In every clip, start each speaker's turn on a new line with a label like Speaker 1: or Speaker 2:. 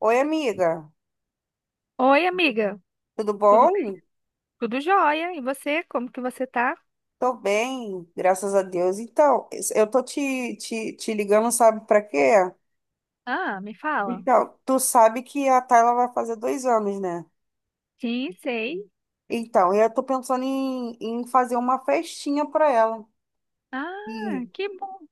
Speaker 1: Oi, amiga,
Speaker 2: Oi, amiga.
Speaker 1: tudo
Speaker 2: Tudo bem?
Speaker 1: bom?
Speaker 2: Tudo jóia. E você? Como que você tá?
Speaker 1: Tô bem, graças a Deus. Então, eu tô te ligando, sabe pra quê?
Speaker 2: Ah, me fala.
Speaker 1: Então, tu sabe que a Tayla vai fazer 2 anos, né?
Speaker 2: Sim, sei.
Speaker 1: Então, eu tô pensando em fazer uma festinha pra ela.
Speaker 2: Ah,
Speaker 1: E,
Speaker 2: que bom.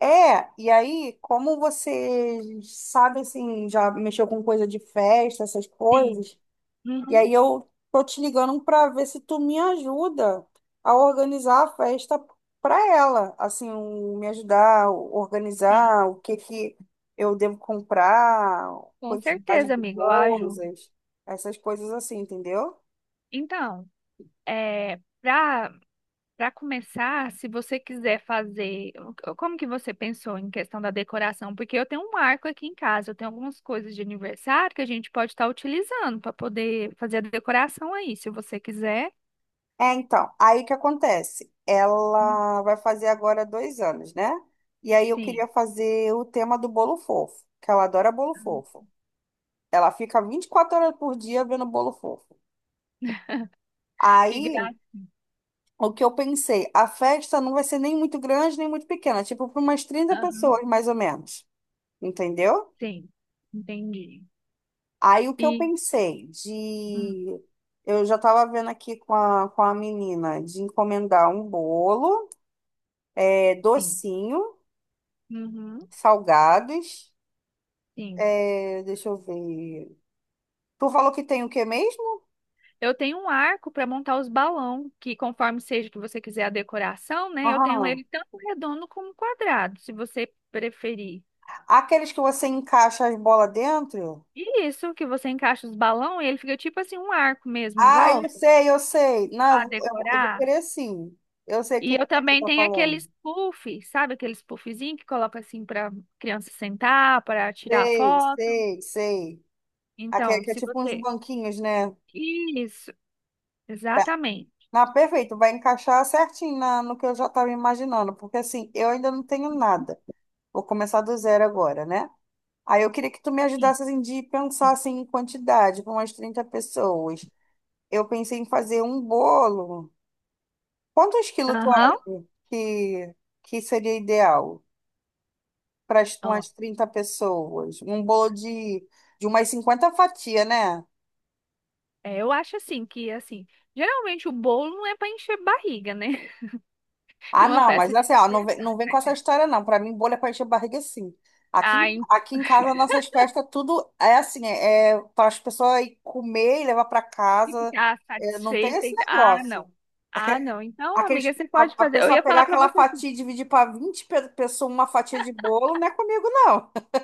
Speaker 1: e aí, como você sabe, assim, já mexeu com coisa de festa, essas
Speaker 2: Sim.
Speaker 1: coisas, e aí
Speaker 2: Uhum,
Speaker 1: eu tô te ligando para ver se tu me ajuda a organizar a festa para ela, assim, me ajudar a
Speaker 2: sim.
Speaker 1: organizar o que que eu devo comprar,
Speaker 2: Com
Speaker 1: quantidade
Speaker 2: certeza,
Speaker 1: de
Speaker 2: amiga. Eu ajudo.
Speaker 1: coisas, essas coisas assim, entendeu?
Speaker 2: Então, é, para começar, se você quiser fazer, o- como que você pensou em questão da decoração? Porque eu tenho um marco aqui em casa, eu tenho algumas coisas de aniversário que a gente pode estar utilizando para poder fazer a decoração aí, se você quiser.
Speaker 1: É, então, aí o que acontece? Ela vai fazer agora 2 anos, né? E aí eu queria
Speaker 2: Sim.
Speaker 1: fazer o tema do bolo fofo, que ela adora bolo fofo. Ela fica 24 horas por dia vendo bolo fofo.
Speaker 2: Que
Speaker 1: Aí
Speaker 2: graça.
Speaker 1: o que eu pensei, a festa não vai ser nem muito grande, nem muito pequena, tipo para umas 30 pessoas, mais ou menos, entendeu?
Speaker 2: Sim, entendi.
Speaker 1: Aí o que eu
Speaker 2: E
Speaker 1: pensei
Speaker 2: Hum.
Speaker 1: de. Eu já estava vendo aqui com a menina de encomendar um bolo, é,
Speaker 2: Sim,
Speaker 1: docinho,
Speaker 2: Uhum,
Speaker 1: salgados.
Speaker 2: sim.
Speaker 1: É, deixa eu ver. Tu falou que tem o que mesmo?
Speaker 2: Eu tenho um arco para montar os balão, que conforme seja que você quiser a decoração, né? Eu tenho
Speaker 1: Aham.
Speaker 2: ele tanto redondo como quadrado, se você preferir.
Speaker 1: Aqueles que você encaixa as bolas dentro?
Speaker 2: E isso que você encaixa os balão e ele fica tipo assim um arco mesmo em
Speaker 1: Ah, eu
Speaker 2: volta
Speaker 1: sei, eu sei. Não, eu,
Speaker 2: para
Speaker 1: vou- eu, vou eu vou
Speaker 2: decorar.
Speaker 1: querer sim. Eu sei o
Speaker 2: E
Speaker 1: que que
Speaker 2: eu
Speaker 1: você
Speaker 2: também
Speaker 1: tá
Speaker 2: tenho
Speaker 1: falando.
Speaker 2: aqueles puff, sabe aqueles puffzinho que coloca assim para criança sentar, para tirar
Speaker 1: Sei,
Speaker 2: foto.
Speaker 1: sei, sei. Aqui é,
Speaker 2: Então,
Speaker 1: que é
Speaker 2: se
Speaker 1: tipo uns
Speaker 2: você
Speaker 1: banquinhos, né?
Speaker 2: Isso,
Speaker 1: Tá.
Speaker 2: exatamente.
Speaker 1: Na perfeito, vai encaixar certinho no que eu já estava imaginando, porque assim, eu ainda não tenho nada. Vou começar do zero agora, né? Aí eu queria que tu me
Speaker 2: Sim.
Speaker 1: ajudasse assim, de pensar assim, em quantidade, para umas 30 pessoas. Eu pensei em fazer um bolo. Quantos quilos tu
Speaker 2: Aham.
Speaker 1: acha que, que seria ideal para
Speaker 2: Ó,
Speaker 1: umas 30 pessoas? Um bolo de umas 50 fatias, né?
Speaker 2: é, eu acho assim que assim, geralmente o bolo não é para encher barriga, né? E
Speaker 1: Ah,
Speaker 2: uma
Speaker 1: não, mas
Speaker 2: festa tem
Speaker 1: assim,
Speaker 2: que
Speaker 1: ó,
Speaker 2: ser
Speaker 1: não vem com essa
Speaker 2: assim.
Speaker 1: história, não. Pra mim, bolha é pra encher a barriga, sim. Aqui,
Speaker 2: Ai,
Speaker 1: aqui em casa, nossas festas, tudo é assim, é para as pessoas ir comer e levar pra
Speaker 2: tem que
Speaker 1: casa.
Speaker 2: ficar
Speaker 1: É, não tem
Speaker 2: satisfeita.
Speaker 1: esse
Speaker 2: E- tá, ah,
Speaker 1: negócio.
Speaker 2: não. Ah, não. Então,
Speaker 1: Aqueles,
Speaker 2: amiga, você pode
Speaker 1: a
Speaker 2: fazer. Eu
Speaker 1: pessoa
Speaker 2: ia
Speaker 1: pegar
Speaker 2: falar para
Speaker 1: aquela
Speaker 2: você assim.
Speaker 1: fatia e dividir pra 20 pessoas uma fatia de bolo, não é comigo, não.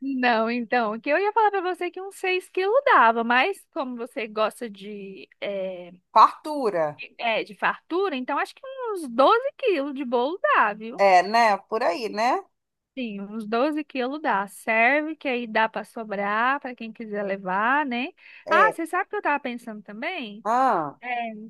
Speaker 2: Não, então, que eu ia falar para você que uns 6 quilos dava, mas como você gosta de,
Speaker 1: Fartura.
Speaker 2: de fartura, então acho que uns 12 quilos de bolo dá, viu?
Speaker 1: É, né? Por aí, né?
Speaker 2: Sim, uns 12 quilos dá. Serve, que aí dá para sobrar para quem quiser levar, né? Ah,
Speaker 1: É.
Speaker 2: você sabe o que eu tava pensando também?
Speaker 1: Ah.
Speaker 2: É,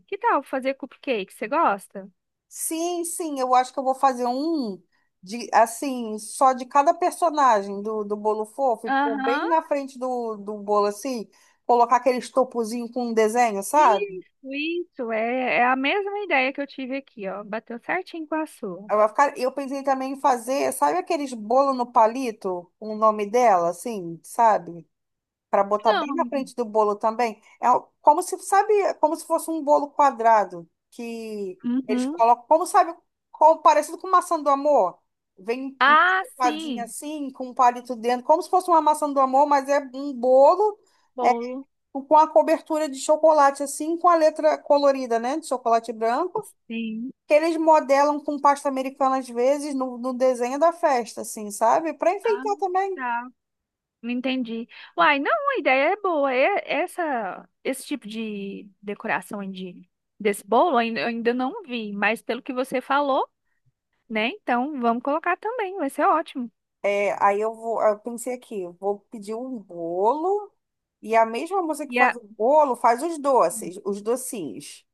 Speaker 2: que tal fazer cupcake? Você gosta?
Speaker 1: Sim, sim, eu acho que eu vou fazer um de assim, só de cada personagem do bolo fofo, e pôr
Speaker 2: Aham.
Speaker 1: bem na frente do bolo assim, colocar aquele estopozinho com um desenho, sabe?
Speaker 2: Isso, isso. É, é a mesma ideia que eu tive aqui, ó. Bateu certinho com a sua.
Speaker 1: Aí vai ficar, eu pensei também em fazer, sabe aqueles bolo no palito, com o nome dela, assim, sabe? Para botar bem
Speaker 2: Não,
Speaker 1: na frente do bolo também. Como se, sabe, como se fosse um bolo quadrado que eles
Speaker 2: uhum.
Speaker 1: colocam, como sabe, como, parecido com maçã do amor. Vem
Speaker 2: Ah,
Speaker 1: empadinha
Speaker 2: sim.
Speaker 1: assim, com um palito dentro, como se fosse uma maçã do amor, mas é um bolo é,
Speaker 2: Bolo.
Speaker 1: com a cobertura de chocolate assim, com a letra colorida, né, de chocolate branco.
Speaker 2: Sim.
Speaker 1: Que eles modelam com pasta americana às vezes no desenho da festa, assim, sabe? Para
Speaker 2: Ah,
Speaker 1: enfeitar também.
Speaker 2: tá. Entendi. Uai, não, a ideia é boa. É, essa, esse tipo de decoração aí de, desse bolo ainda- eu ainda não vi, mas pelo que você falou, né? Então vamos colocar também, vai ser ótimo.
Speaker 1: É, eu pensei aqui, eu vou pedir um bolo e a mesma moça que
Speaker 2: E
Speaker 1: faz
Speaker 2: a,
Speaker 1: o bolo faz os doces, os docinhos.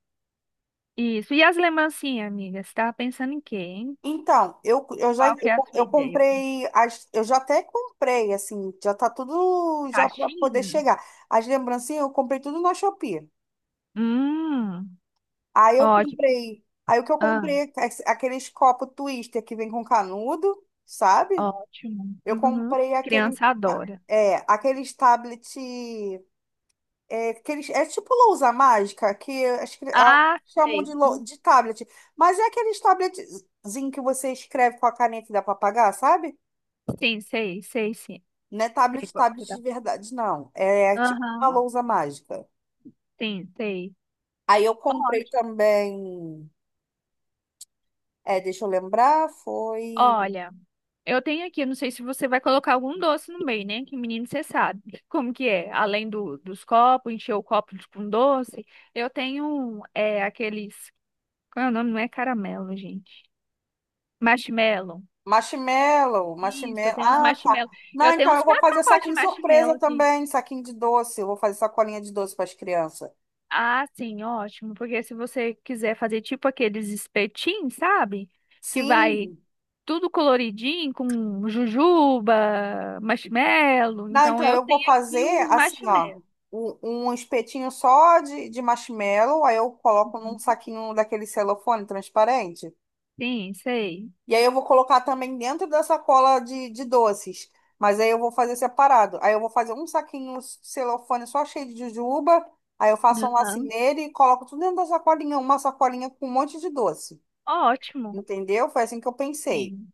Speaker 2: isso. E as lembrancinhas, amiga? Você tava pensando em quê, hein?
Speaker 1: Então, eu, eu já
Speaker 2: Qual que
Speaker 1: eu,
Speaker 2: é a
Speaker 1: co-
Speaker 2: sua
Speaker 1: eu
Speaker 2: ideia?
Speaker 1: comprei, eu já até comprei, assim, já tá tudo já para poder
Speaker 2: Caixinha?
Speaker 1: chegar. As lembrancinhas eu comprei tudo na Shopee.
Speaker 2: Hum,
Speaker 1: Aí eu
Speaker 2: ótimo.
Speaker 1: comprei, aí o que eu
Speaker 2: Ah,
Speaker 1: comprei, aqueles copos Twister que vem com canudo, sabe?
Speaker 2: ótimo.
Speaker 1: Eu
Speaker 2: Uhum.
Speaker 1: comprei aqueles,
Speaker 2: Criança adora.
Speaker 1: aqueles tablet. É, que eles, é tipo lousa mágica, que acho que ah,
Speaker 2: Ah,
Speaker 1: chamam
Speaker 2: sei.
Speaker 1: de tablet. Mas é aqueles tabletzinho que você escreve com a caneta e dá para apagar, sabe?
Speaker 2: Sim, sei, sei, sim.
Speaker 1: Não é
Speaker 2: Sei
Speaker 1: tablet,
Speaker 2: qual que você
Speaker 1: tablet
Speaker 2: tá.
Speaker 1: de verdade, não. É tipo uma
Speaker 2: Aham,
Speaker 1: lousa mágica.
Speaker 2: sim, sei.
Speaker 1: Aí eu comprei
Speaker 2: Ótimo.
Speaker 1: também. É, deixa eu lembrar, foi.
Speaker 2: Olha, eu tenho aqui, eu não sei se você vai colocar algum doce no meio, né? Que menino, você sabe como que é. Além do, dos copos, encher o copo de- com doce, eu tenho um, é, aqueles... Qual é o nome? Não é caramelo, gente. Marshmallow.
Speaker 1: Marshmallow,
Speaker 2: Isso, eu
Speaker 1: marshmallow.
Speaker 2: tenho uns
Speaker 1: Ah, tá.
Speaker 2: marshmallow.
Speaker 1: Não,
Speaker 2: Eu tenho
Speaker 1: então
Speaker 2: uns
Speaker 1: eu vou
Speaker 2: quatro
Speaker 1: fazer
Speaker 2: pacotes de
Speaker 1: saquinho surpresa
Speaker 2: marshmallow aqui.
Speaker 1: também, saquinho de doce. Eu vou fazer sacolinha de doce para as crianças.
Speaker 2: Ah, sim, ótimo. Porque se você quiser fazer tipo aqueles espetinhos, sabe? Que vai
Speaker 1: Sim.
Speaker 2: tudo coloridinho, com jujuba, marshmallow.
Speaker 1: Não,
Speaker 2: Então
Speaker 1: então
Speaker 2: eu
Speaker 1: eu vou
Speaker 2: tenho aqui
Speaker 1: fazer
Speaker 2: uns
Speaker 1: assim, ó,
Speaker 2: marshmallows.
Speaker 1: um espetinho só de marshmallow, aí eu coloco num
Speaker 2: Uhum.
Speaker 1: saquinho daquele celofane transparente.
Speaker 2: Sim, sei.
Speaker 1: E aí eu vou colocar também dentro da sacola de doces, mas aí eu vou fazer separado. Aí eu vou fazer um saquinho celofane só cheio de jujuba, aí eu faço um lacinho
Speaker 2: Aham.
Speaker 1: nele e coloco tudo dentro da sacolinha, uma sacolinha com um monte de doce.
Speaker 2: Ótimo.
Speaker 1: Entendeu? Foi assim que eu pensei.
Speaker 2: Sim,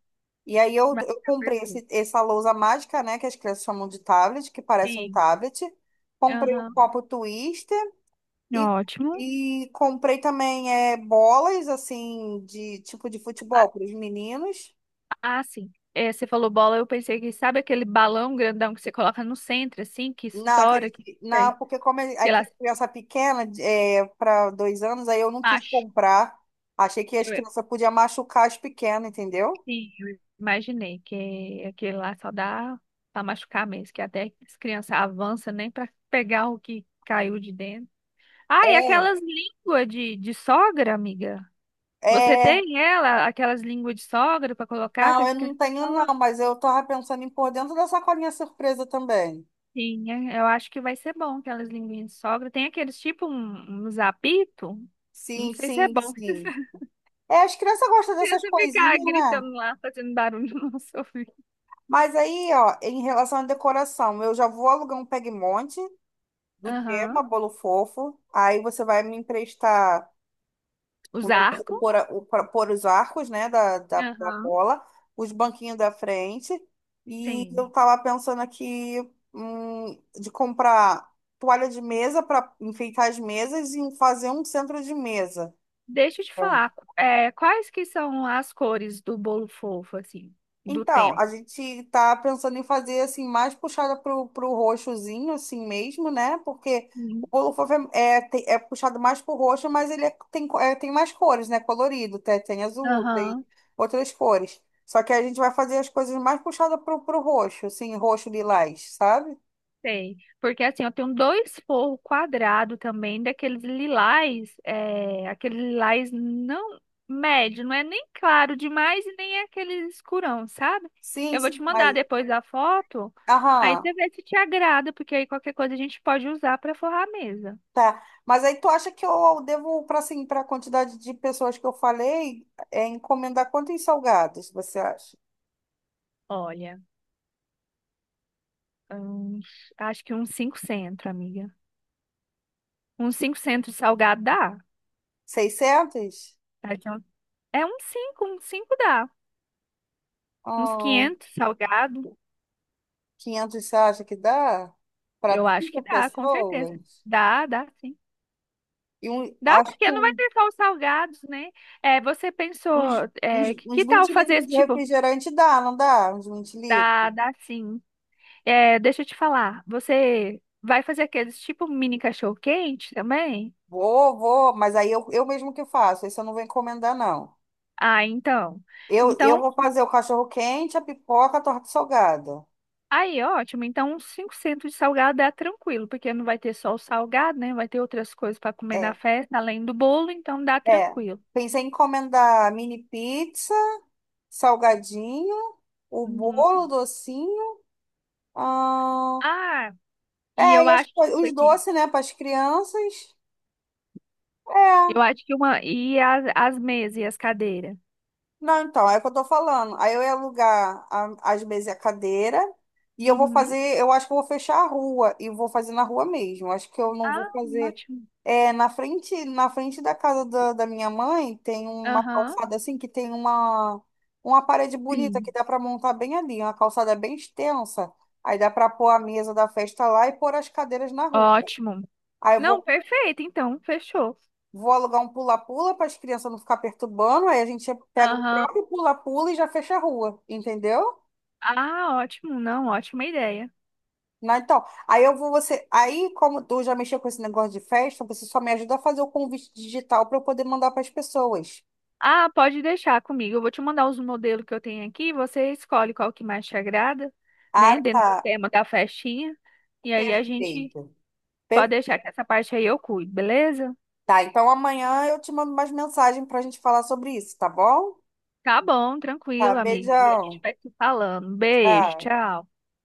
Speaker 1: E aí eu,
Speaker 2: vai
Speaker 1: eu
Speaker 2: ficar
Speaker 1: comprei
Speaker 2: perfeito.
Speaker 1: essa lousa mágica, né, que as crianças chamam de tablet, que parece um
Speaker 2: Sim,
Speaker 1: tablet. Comprei o
Speaker 2: aham.
Speaker 1: copo Twister e,
Speaker 2: Ótimo.
Speaker 1: e comprei também é, bolas, assim, de tipo de
Speaker 2: Ah,
Speaker 1: futebol para os meninos.
Speaker 2: ah, sim. É, você falou bola, eu pensei que sabe aquele balão grandão que você coloca no centro, assim, que estoura, que, sei
Speaker 1: Porque a
Speaker 2: lá,
Speaker 1: criança pequena, é, para 2 anos, aí eu não quis
Speaker 2: acho.
Speaker 1: comprar. Achei que as crianças podiam machucar as pequenas, entendeu?
Speaker 2: Sim, eu imaginei que aquele lá só dá para machucar mesmo, que até as crianças avançam nem para pegar o que caiu de dentro. Ah, e
Speaker 1: É,
Speaker 2: aquelas línguas de sogra, amiga? Você
Speaker 1: é.
Speaker 2: tem ela, aquelas línguas de sogra para colocar que
Speaker 1: Não,
Speaker 2: as
Speaker 1: eu não
Speaker 2: crianças
Speaker 1: tenho não,
Speaker 2: adoram?
Speaker 1: mas eu tava pensando em pôr dentro da sacolinha surpresa também.
Speaker 2: Sim, é, eu acho que vai ser bom aquelas linguinhas de sogra. Tem aqueles tipo um, uns apito, não
Speaker 1: Sim,
Speaker 2: sei se é
Speaker 1: sim,
Speaker 2: bom.
Speaker 1: sim. É, as crianças gostam dessas
Speaker 2: Criança ficar
Speaker 1: coisinhas, né?
Speaker 2: gritando lá, fazendo barulho no nosso ouvido.
Speaker 1: Mas aí, ó, em relação à decoração, eu já vou alugar um peg monte do tema
Speaker 2: Aham.
Speaker 1: Bolo Fofo. Aí você vai me emprestar o
Speaker 2: Os
Speaker 1: negócio de
Speaker 2: arcos.
Speaker 1: pôr, pra pôr os arcos, né, da
Speaker 2: Aham.
Speaker 1: cola, os banquinhos da frente. E eu
Speaker 2: Sim.
Speaker 1: tava pensando aqui, de comprar toalha de mesa para enfeitar as mesas e fazer um centro de mesa.
Speaker 2: Deixa eu te
Speaker 1: É.
Speaker 2: falar, é, quais que são as cores do bolo fofo, assim, do
Speaker 1: Então, a
Speaker 2: tema?
Speaker 1: gente tá pensando em fazer assim, mais puxada pro roxozinho, assim mesmo, né? Porque o
Speaker 2: Uhum.
Speaker 1: bolo fofo é puxado mais pro roxo, mas ele é- tem, co- é, tem mais cores, né? Colorido, tem, tem azul, tem
Speaker 2: Aham.
Speaker 1: outras cores. Só que a gente vai fazer as coisas mais puxadas pro roxo, assim, roxo lilás, sabe?
Speaker 2: Sei, porque assim, eu tenho dois forros quadrados também, daqueles lilás, é, aquele lilás não médio, não é nem claro demais e nem é aquele escurão, sabe?
Speaker 1: Sim,
Speaker 2: Eu vou
Speaker 1: sim,
Speaker 2: te
Speaker 1: mas.
Speaker 2: mandar depois a foto, aí
Speaker 1: Aham,
Speaker 2: você vê se te agrada, porque aí qualquer coisa a gente pode usar para forrar a mesa.
Speaker 1: tá. Mas aí tu acha que eu devo, para assim, para a quantidade de pessoas que eu falei, é, encomendar quantos salgados, você acha?
Speaker 2: Olha, uns- acho que uns cinco centro, amiga. Uns 500 salgado dá.
Speaker 1: 600.
Speaker 2: Tá? Então, é uns cinco dá. Uns
Speaker 1: Oh,
Speaker 2: 500 salgado,
Speaker 1: 500 você acha que dá para
Speaker 2: eu acho
Speaker 1: 30
Speaker 2: que dá, com certeza.
Speaker 1: pessoas?
Speaker 2: Dá, dá sim.
Speaker 1: E um,
Speaker 2: Dá,
Speaker 1: acho
Speaker 2: porque
Speaker 1: que
Speaker 2: não vai ter só os salgados, né? É, você
Speaker 1: uns,
Speaker 2: pensou, é,
Speaker 1: uns
Speaker 2: que tal
Speaker 1: 20
Speaker 2: fazer
Speaker 1: litros
Speaker 2: esse
Speaker 1: de
Speaker 2: tipo?
Speaker 1: refrigerante dá, não dá? Uns 20
Speaker 2: Dá,
Speaker 1: litros.
Speaker 2: dá sim. É, deixa eu te falar, você vai fazer aqueles tipo mini cachorro-quente também?
Speaker 1: Vou, vou, mas aí eu mesmo que faço, isso eu não vou encomendar, não.
Speaker 2: Ah, então.
Speaker 1: Eu
Speaker 2: Então,
Speaker 1: vou fazer o cachorro quente, a pipoca, a torta salgada.
Speaker 2: aí, ótimo. Então, uns 5 centos de salgado dá tranquilo, porque não vai ter só o salgado, né? Vai ter outras coisas para comer na
Speaker 1: É,
Speaker 2: festa, além do bolo, então dá
Speaker 1: é.
Speaker 2: tranquilo.
Speaker 1: Pensei em encomendar mini pizza, salgadinho, o bolo, o
Speaker 2: Uhum.
Speaker 1: docinho. Ah,
Speaker 2: Ah, e
Speaker 1: é,
Speaker 2: eu
Speaker 1: e acho que
Speaker 2: acho,
Speaker 1: foi
Speaker 2: deixa eu ver
Speaker 1: os
Speaker 2: aqui.
Speaker 1: doces, né, para as crianças.
Speaker 2: Eu
Speaker 1: É,
Speaker 2: acho que uma. E as mesas e as cadeiras.
Speaker 1: não, então, é o que eu tô falando. Aí eu ia alugar as mesas e a cadeira, e eu vou
Speaker 2: Uhum.
Speaker 1: fazer, eu acho que eu vou fechar a rua, e vou fazer na rua mesmo. Acho que eu não
Speaker 2: Ah,
Speaker 1: vou fazer.
Speaker 2: ótimo.
Speaker 1: É, na frente da casa da minha mãe, tem uma
Speaker 2: Aham.
Speaker 1: calçada assim, que tem uma parede bonita que
Speaker 2: Sim.
Speaker 1: dá para montar bem ali, uma calçada bem extensa. Aí dá para pôr a mesa da festa lá e pôr as cadeiras na rua.
Speaker 2: Ótimo.
Speaker 1: Aí eu
Speaker 2: Não,
Speaker 1: vou
Speaker 2: perfeito, então, fechou.
Speaker 1: Vou alugar um pula-pula para as crianças não ficar perturbando. Aí a gente pega o
Speaker 2: Aham.
Speaker 1: próprio pula-pula e já fecha a rua, entendeu?
Speaker 2: Ah, ótimo. Não, ótima ideia.
Speaker 1: Não, então, aí eu vou você. Aí, como tu já mexeu com esse negócio de festa, você só me ajuda a fazer o convite digital para eu poder mandar para as pessoas.
Speaker 2: Ah, pode deixar comigo. Eu vou te mandar os modelos que eu tenho aqui. Você escolhe qual que mais te agrada,
Speaker 1: Ah,
Speaker 2: né? Dentro do
Speaker 1: tá.
Speaker 2: tema da festinha. E aí a gente
Speaker 1: Perfeito.
Speaker 2: pode
Speaker 1: Per-
Speaker 2: deixar que essa parte aí eu cuido, beleza?
Speaker 1: Tá, então amanhã eu te mando mais mensagem para a gente falar sobre isso, tá bom?
Speaker 2: Tá bom,
Speaker 1: Tá,
Speaker 2: tranquilo, amiga. E a
Speaker 1: beijão.
Speaker 2: gente vai se falando. Beijo,
Speaker 1: Tchau.
Speaker 2: tchau.